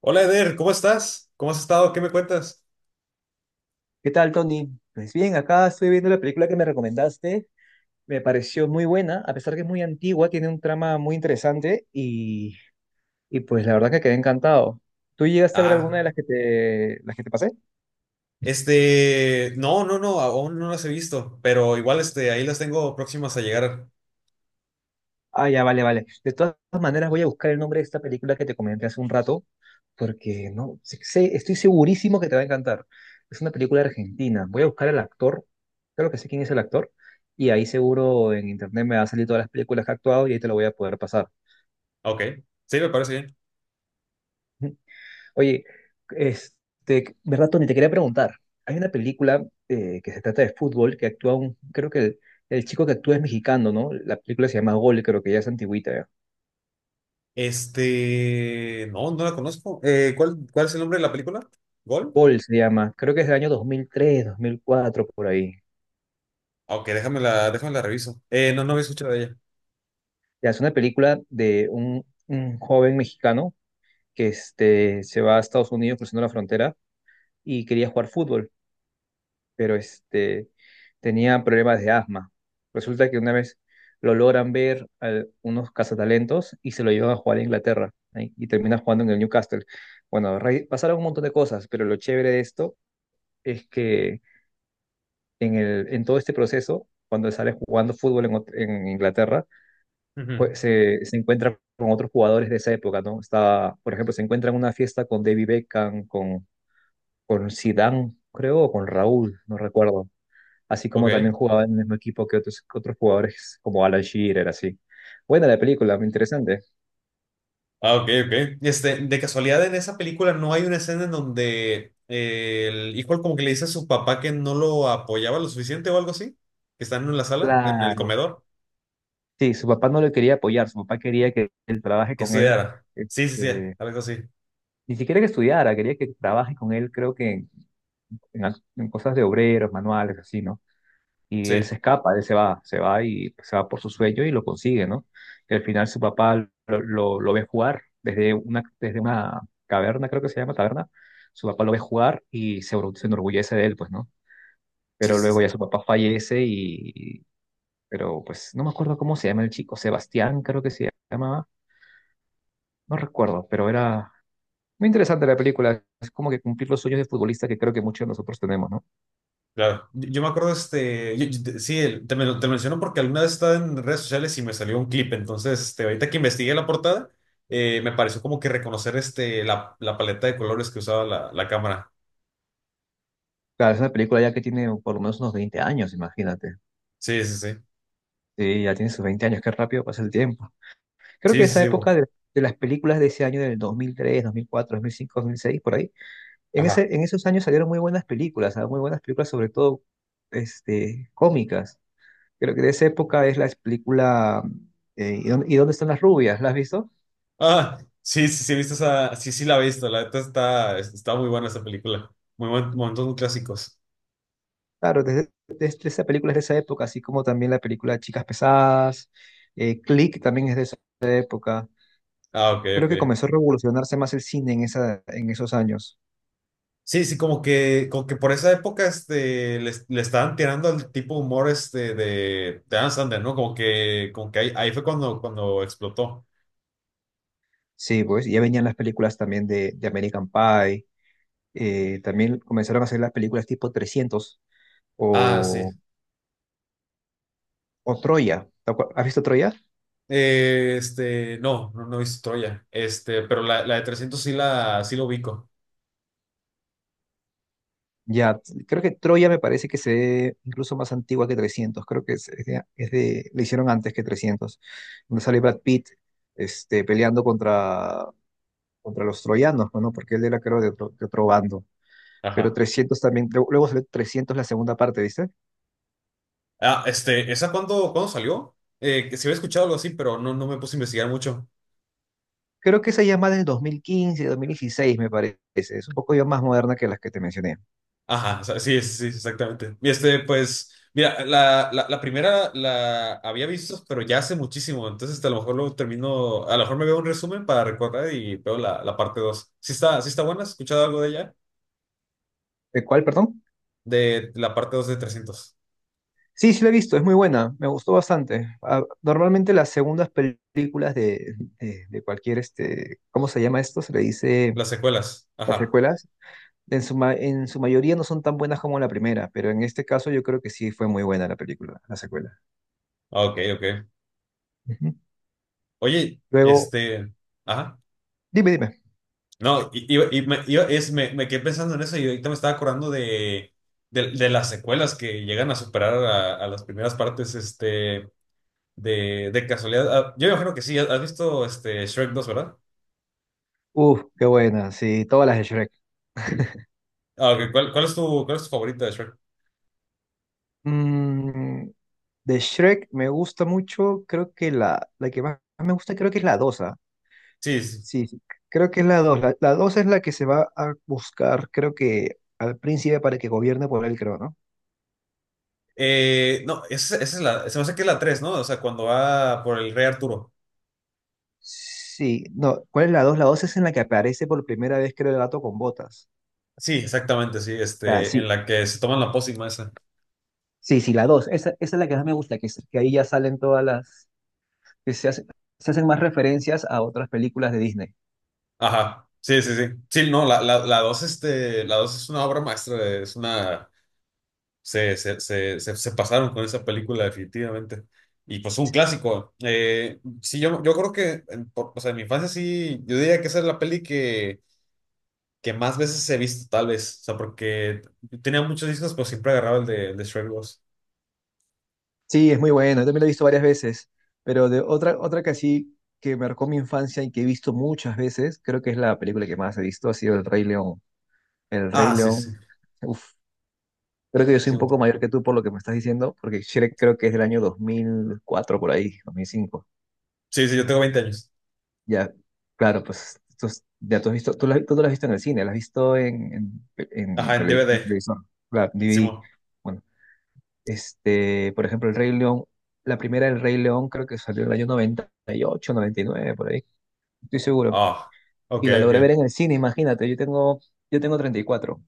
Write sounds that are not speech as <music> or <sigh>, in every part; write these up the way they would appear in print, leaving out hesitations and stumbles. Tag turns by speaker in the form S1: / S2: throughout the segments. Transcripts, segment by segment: S1: Hola Eder, ¿cómo estás? ¿Cómo has estado? ¿Qué me cuentas?
S2: ¿Qué tal, Tony? Pues bien, acá estoy viendo la película que me recomendaste. Me pareció muy buena, a pesar que es muy antigua, tiene un trama muy interesante y pues la verdad que quedé encantado. ¿Tú llegaste a ver alguna de
S1: Ah,
S2: las que te pasé?
S1: este, no, no, no, aún no las he visto, pero igual ahí las tengo próximas a llegar.
S2: Ah, ya, vale, vale. De todas maneras, voy a buscar el nombre de esta película que te comenté hace un rato, porque no sé- sé- estoy segurísimo que te va a encantar. Es una película argentina. Voy a buscar al actor, creo que sé quién es el actor, y ahí seguro en internet me va a salir todas las películas que ha actuado y ahí te lo voy a poder pasar.
S1: Ok, sí, me parece bien.
S2: Oye, Berratoni, te quería preguntar. Hay una película que se trata de fútbol que actúa creo que el chico que actúa es mexicano, ¿no? La película se llama Gol, creo que ya es antigüita. Ya.
S1: No, no la conozco. ¿Cuál es el nombre de la película? ¿Gol?
S2: Gol se llama, creo que es del año 2003, 2004 por ahí.
S1: Ah, Ok, déjame la reviso. No, no había escuchado de ella.
S2: Ya es una película de un joven mexicano que se va a Estados Unidos cruzando la frontera y quería jugar fútbol. Pero tenía problemas de asma. Resulta que una vez lo logran ver a unos cazatalentos y se lo llevan a jugar a Inglaterra, ¿eh? Y termina jugando en el Newcastle. Bueno, pasaron un montón de cosas, pero lo chévere de esto es que en todo este proceso, cuando sale jugando fútbol en Inglaterra,
S1: Ujú.
S2: se encuentra con otros jugadores de esa época, ¿no? Estaba, por ejemplo, se encuentra en una fiesta con David Beckham, con Zidane, creo, o con Raúl, no recuerdo. Así como también
S1: Ok.
S2: jugaba en el mismo equipo que otros jugadores como Alan Shearer, así. Buena la película, muy interesante.
S1: Ah, ok, ok. De casualidad en esa película no hay una escena en donde el hijo como que le dice a su papá que no lo apoyaba lo suficiente o algo así, que están en la sala, en el
S2: Claro.
S1: comedor,
S2: Sí, su papá no le quería apoyar, su papá quería que él trabaje
S1: que
S2: con él,
S1: estudiara. Sí, sí, sí,
S2: este,
S1: algo así.
S2: ni siquiera que estudiara, quería que trabaje con él, creo que en cosas de obreros, manuales, así, ¿no? Y
S1: Sí,
S2: él se escapa, él se va y se va por su sueño y lo consigue, ¿no? Y al final su papá lo ve jugar desde desde una caverna, creo que se llama taberna, su papá lo ve jugar y se enorgullece de él, pues, ¿no?
S1: sí,
S2: Pero
S1: sí,
S2: luego
S1: sí.
S2: ya su papá fallece pero pues no me acuerdo cómo se llama el chico, Sebastián creo que se llamaba, no recuerdo, pero era muy interesante la película. Es como que cumplir los sueños de futbolista que creo que muchos de nosotros tenemos, ¿no?
S1: Claro. Yo me acuerdo, sí, te lo menciono porque alguna vez estaba en redes sociales y me salió un clip. Entonces, ahorita que investigué la portada, me pareció como que reconocer, la paleta de colores que usaba la cámara.
S2: Claro, es una película ya que tiene por lo menos unos 20 años, imagínate.
S1: Sí, sí, sí.
S2: Sí, ya tiene sus 20 años, qué rápido pasa el tiempo. Creo
S1: Sí,
S2: que
S1: sí,
S2: esa
S1: sí, bo.
S2: época de las películas de ese año del 2003, 2004, 2005, 2006, por ahí,
S1: Ajá.
S2: en esos años salieron muy buenas películas, ¿ah? Muy buenas películas, sobre todo cómicas. Creo que de esa época es la película. ¿Y dónde están las rubias? ¿La has visto?
S1: Ah, sí, sí, sí, he visto esa, sí, sí la he visto, la neta está muy buena esa película, momentos muy clásicos.
S2: Claro, desde esa película es de esa época, así como también la película Chicas Pesadas, Click también es de esa época.
S1: Ah, ok,
S2: Creo que
S1: ok.
S2: comenzó a revolucionarse más el cine en esos años.
S1: Sí, sí, como que por esa época, le estaban tirando al tipo de humor, de Adam Sandler, ¿no? Como que ahí fue cuando explotó.
S2: Sí, pues ya venían las películas también de American Pie, también comenzaron a hacer las películas tipo 300
S1: Ah, sí.
S2: o, o Troya. ¿Has visto Troya?
S1: No, no, no he visto Troya, pero la de 300 sí lo ubico.
S2: Ya, creo que Troya me parece que se ve incluso más antigua que 300, creo que le hicieron antes que 300, donde sale Brad Pitt peleando contra los troyanos, ¿no? Porque él era creo de otro bando, pero
S1: Ajá.
S2: 300 también, luego luego salió 300 la segunda parte, ¿viste?
S1: Ah, ¿esa cuándo salió? Que se había escuchado algo así, pero no, no me puse a investigar mucho.
S2: Creo que esa ya es más del 2015, 2016, me parece. Es un poco ya más moderna que las que te mencioné.
S1: Ajá, o sea, sí, sí, sí, exactamente. Y pues, mira, la primera la había visto, pero ya hace muchísimo. Entonces, a lo mejor lo termino, a lo mejor me veo un resumen para recordar y veo la parte dos. Sí está buena, ¿has escuchado algo de ella?
S2: ¿De cuál, perdón?
S1: De la parte dos de 300.
S2: Sí, sí la he visto, es muy buena, me gustó bastante. Ah, normalmente las segundas películas de cualquier, ¿cómo se llama esto? Se le dice
S1: Las secuelas.
S2: las
S1: Ajá.
S2: secuelas. En su mayoría no son tan buenas como la primera, pero en este caso yo creo que sí fue muy buena la película, la secuela.
S1: Ah, Ok, ok.
S2: Ujú.
S1: Oye,
S2: Luego,
S1: ajá.
S2: dime, dime.
S1: No, y me, yo es, me quedé pensando en eso y ahorita me estaba acordando de las secuelas que llegan a superar a las primeras partes. De casualidad, ah, yo imagino que sí, has visto Shrek 2, ¿verdad?
S2: Uf, qué buena, sí, todas las de Shrek. <laughs>
S1: Ah, ok, ¿Cuál es tu favorita de Shrek?
S2: Mm, De Shrek me gusta mucho, creo que la que más me gusta creo que es la 2, ¿ah?
S1: Sí, sí, sí.
S2: Sí, sí, creo que es la 2. La 2 es la que se va a buscar, creo que al príncipe para que gobierne por él, creo, ¿no?
S1: No, esa es se me hace que es la tres, ¿no? O sea, cuando va por el rey Arturo.
S2: Sí, no, ¿cuál es la 2? La 2 es en la que aparece por primera vez, creo, el gato con botas.
S1: Sí, exactamente, sí,
S2: Ah,
S1: en
S2: sí,
S1: la que se toman la pócima esa.
S2: sí, sí, la 2. Esa es la que más me gusta, que ahí ya salen que se hacen más referencias a otras películas de Disney.
S1: Ajá, sí, sí, sí. Sí, no, la dos es una obra maestra, se pasaron con esa película definitivamente. Y pues un clásico. Sí, yo creo que, o sea, en mi infancia sí, yo diría que esa es la peli que más veces he visto, tal vez. O sea, porque tenía muchos discos, pero siempre agarraba el de Shrek 2.
S2: Sí, es muy buena, también la he visto varias veces, pero de otra que así que marcó mi infancia y que he visto muchas veces, creo que es la película que más he visto, ha sido El Rey León. El Rey
S1: Ah, sí, sí.
S2: León, uf, creo que yo soy
S1: Sí,
S2: un poco mayor que tú por lo que me estás diciendo, porque Shrek creo que es del año 2004 por ahí, 2005.
S1: sí, sí, yo tengo 20 años.
S2: Ya, claro, ya tú has visto, tú no la has visto en el cine, la has visto en
S1: Ajá, en DVD.
S2: televisor, claro, DVD.
S1: Simón.
S2: Bueno, por ejemplo, El Rey León, la primera del Rey León creo que salió en el año 98, 99, por ahí, estoy seguro.
S1: Ah, ok,
S2: Y la logré ver
S1: ok.
S2: en el cine, imagínate, yo tengo, 34.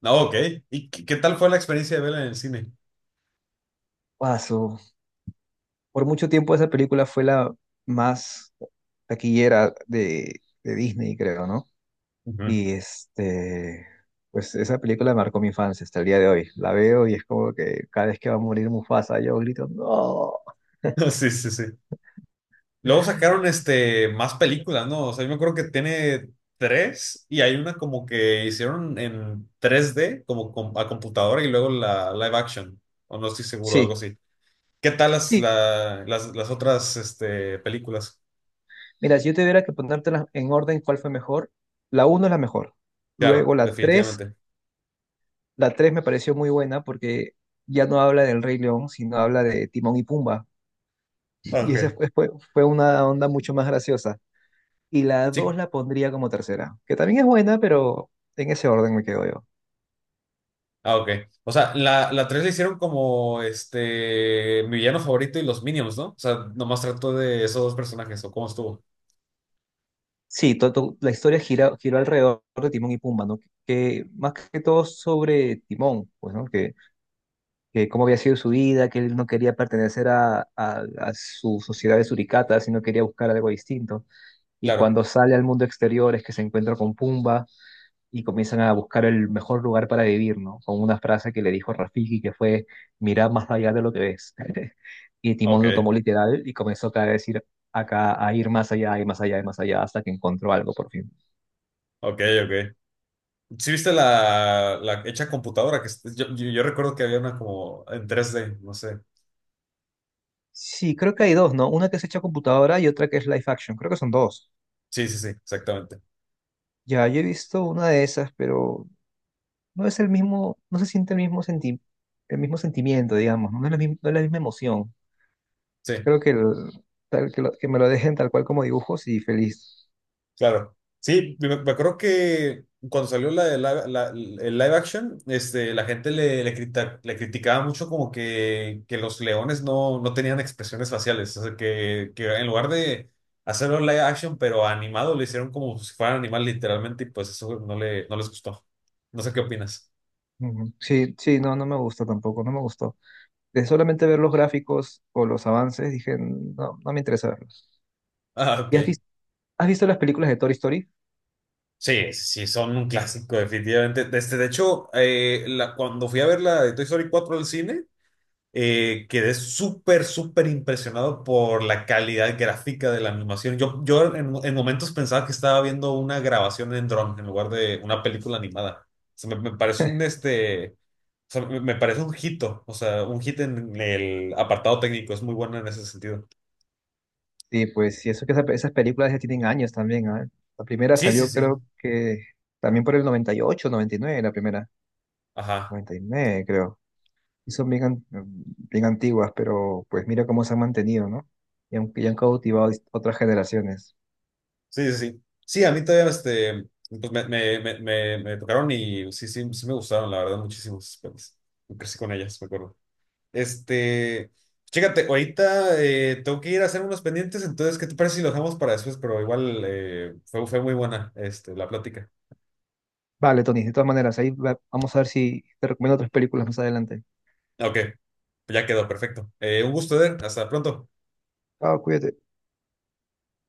S1: No, ok. ¿Y qué tal fue la experiencia de verla en el cine?
S2: Guaso. Por mucho tiempo esa película fue la más taquillera de Disney, creo, ¿no?
S1: Ujú.
S2: Y pues esa película marcó mi infancia hasta el día de hoy. La veo y es como que cada vez que va a morir Mufasa, yo grito, no.
S1: <laughs> Sí, sí, sí. Luego sacaron más películas, ¿no? O sea, yo me acuerdo que tiene tres y hay una como que hicieron en 3D a computadora y luego la live action, o no estoy seguro, algo
S2: Sí,
S1: así. ¿Qué tal
S2: sí.
S1: las otras películas?
S2: Mira, si yo tuviera que ponértelas en orden, ¿cuál fue mejor? La uno es la mejor. Luego
S1: Claro,
S2: la tres,
S1: definitivamente.
S2: la tres me pareció muy buena porque ya no habla del Rey León, sino habla de Timón y Pumba.
S1: Ah,
S2: Y esa
S1: Ok.
S2: fue una onda mucho más graciosa. Y la dos
S1: Sí.
S2: la pondría como tercera, que también es buena, pero en ese orden me quedo yo.
S1: Ah, ok. O sea, la 3 la hicieron como mi villano favorito y los Minions, ¿no? O sea, nomás trató de esos dos personajes, ¿o cómo estuvo?
S2: Sí, la historia giró alrededor de Timón y Pumba, ¿no? Que, más que todo sobre Timón, pues, ¿no? Que cómo había sido su vida, que él no quería pertenecer a su sociedad de suricatas, sino quería buscar algo distinto. Y
S1: Claro.
S2: cuando sale al mundo exterior es que se encuentra con Pumba y comienzan a buscar el mejor lugar para vivir, ¿no? Con una frase que le dijo Rafiki que fue, mira más allá de lo que ves. <laughs> Y
S1: Ok,
S2: Timón lo tomó literal y comenzó cada vez a ir acá, a ir más allá y más allá y más allá hasta que encontró algo por fin.
S1: ok, ok. ¿Sí viste la hecha computadora? Que es- yo recuerdo que había una como en 3D, no sé.
S2: Sí, creo que hay dos, ¿no? Una que es hecha a computadora y otra que es live action. Creo que son dos.
S1: Sí, sí, sí, exactamente.
S2: Ya, yo he visto una de esas, pero no es el mismo, no se siente el mismo sentimiento, digamos, no es la misma emoción.
S1: Sí,
S2: Creo que, tal, que, que me lo dejen tal cual como dibujos y feliz.
S1: claro. Sí, me acuerdo que cuando salió la, de live- la- el live action, la gente le criticaba mucho como que los leones no, no tenían expresiones faciales. O sea, que en lugar de hacerlo live action, pero animado, lo hicieron como si fuera animal literalmente y pues eso no les gustó. No sé qué opinas. <laughs>
S2: Ujú. Sí, sí, no, no me gusta tampoco, no me gustó. De solamente ver los gráficos o los avances, dije, no, no me interesa verlos.
S1: Ah, ok.
S2: ¿Y has visto las películas de Toy Story?
S1: Sí, sí, son un clásico, definitivamente. De hecho, cuando fui a ver la de Toy Story 4 al cine, quedé súper, súper impresionado por la calidad gráfica de la animación. Yo en momentos pensaba que estaba viendo una grabación en dron en lugar de una película animada. O sea, me parece un este, o sea, me parece un hito, o sea, un hit en el apartado técnico. Es muy bueno en ese sentido.
S2: Sí, pues, sí eso que esas películas ya tienen años también, ¿ah? La primera
S1: Sí, sí,
S2: salió
S1: sí.
S2: creo que también por el 98 99 la primera.
S1: Ajá.
S2: 99 creo. Y son bien antiguas, pero pues mira cómo se han mantenido, ¿no? Y han cautivado a otras generaciones.
S1: Sí, sí, sí. Sí, a mí todavía pues me tocaron y sí, sí, sí me gustaron, la verdad, muchísimos. Pues, crecí con ellas, me acuerdo. Este, Chécate, ahorita tengo que ir a hacer unos pendientes. Entonces, ¿qué te parece si lo dejamos para después? Pero igual fue muy buena la plática.
S2: Vale, Tony, de todas maneras, vamos a ver si te recomiendo otras películas más adelante.
S1: Ok, pues ya quedó, perfecto. Un gusto, Eder, hasta pronto.
S2: Chao, cuídate.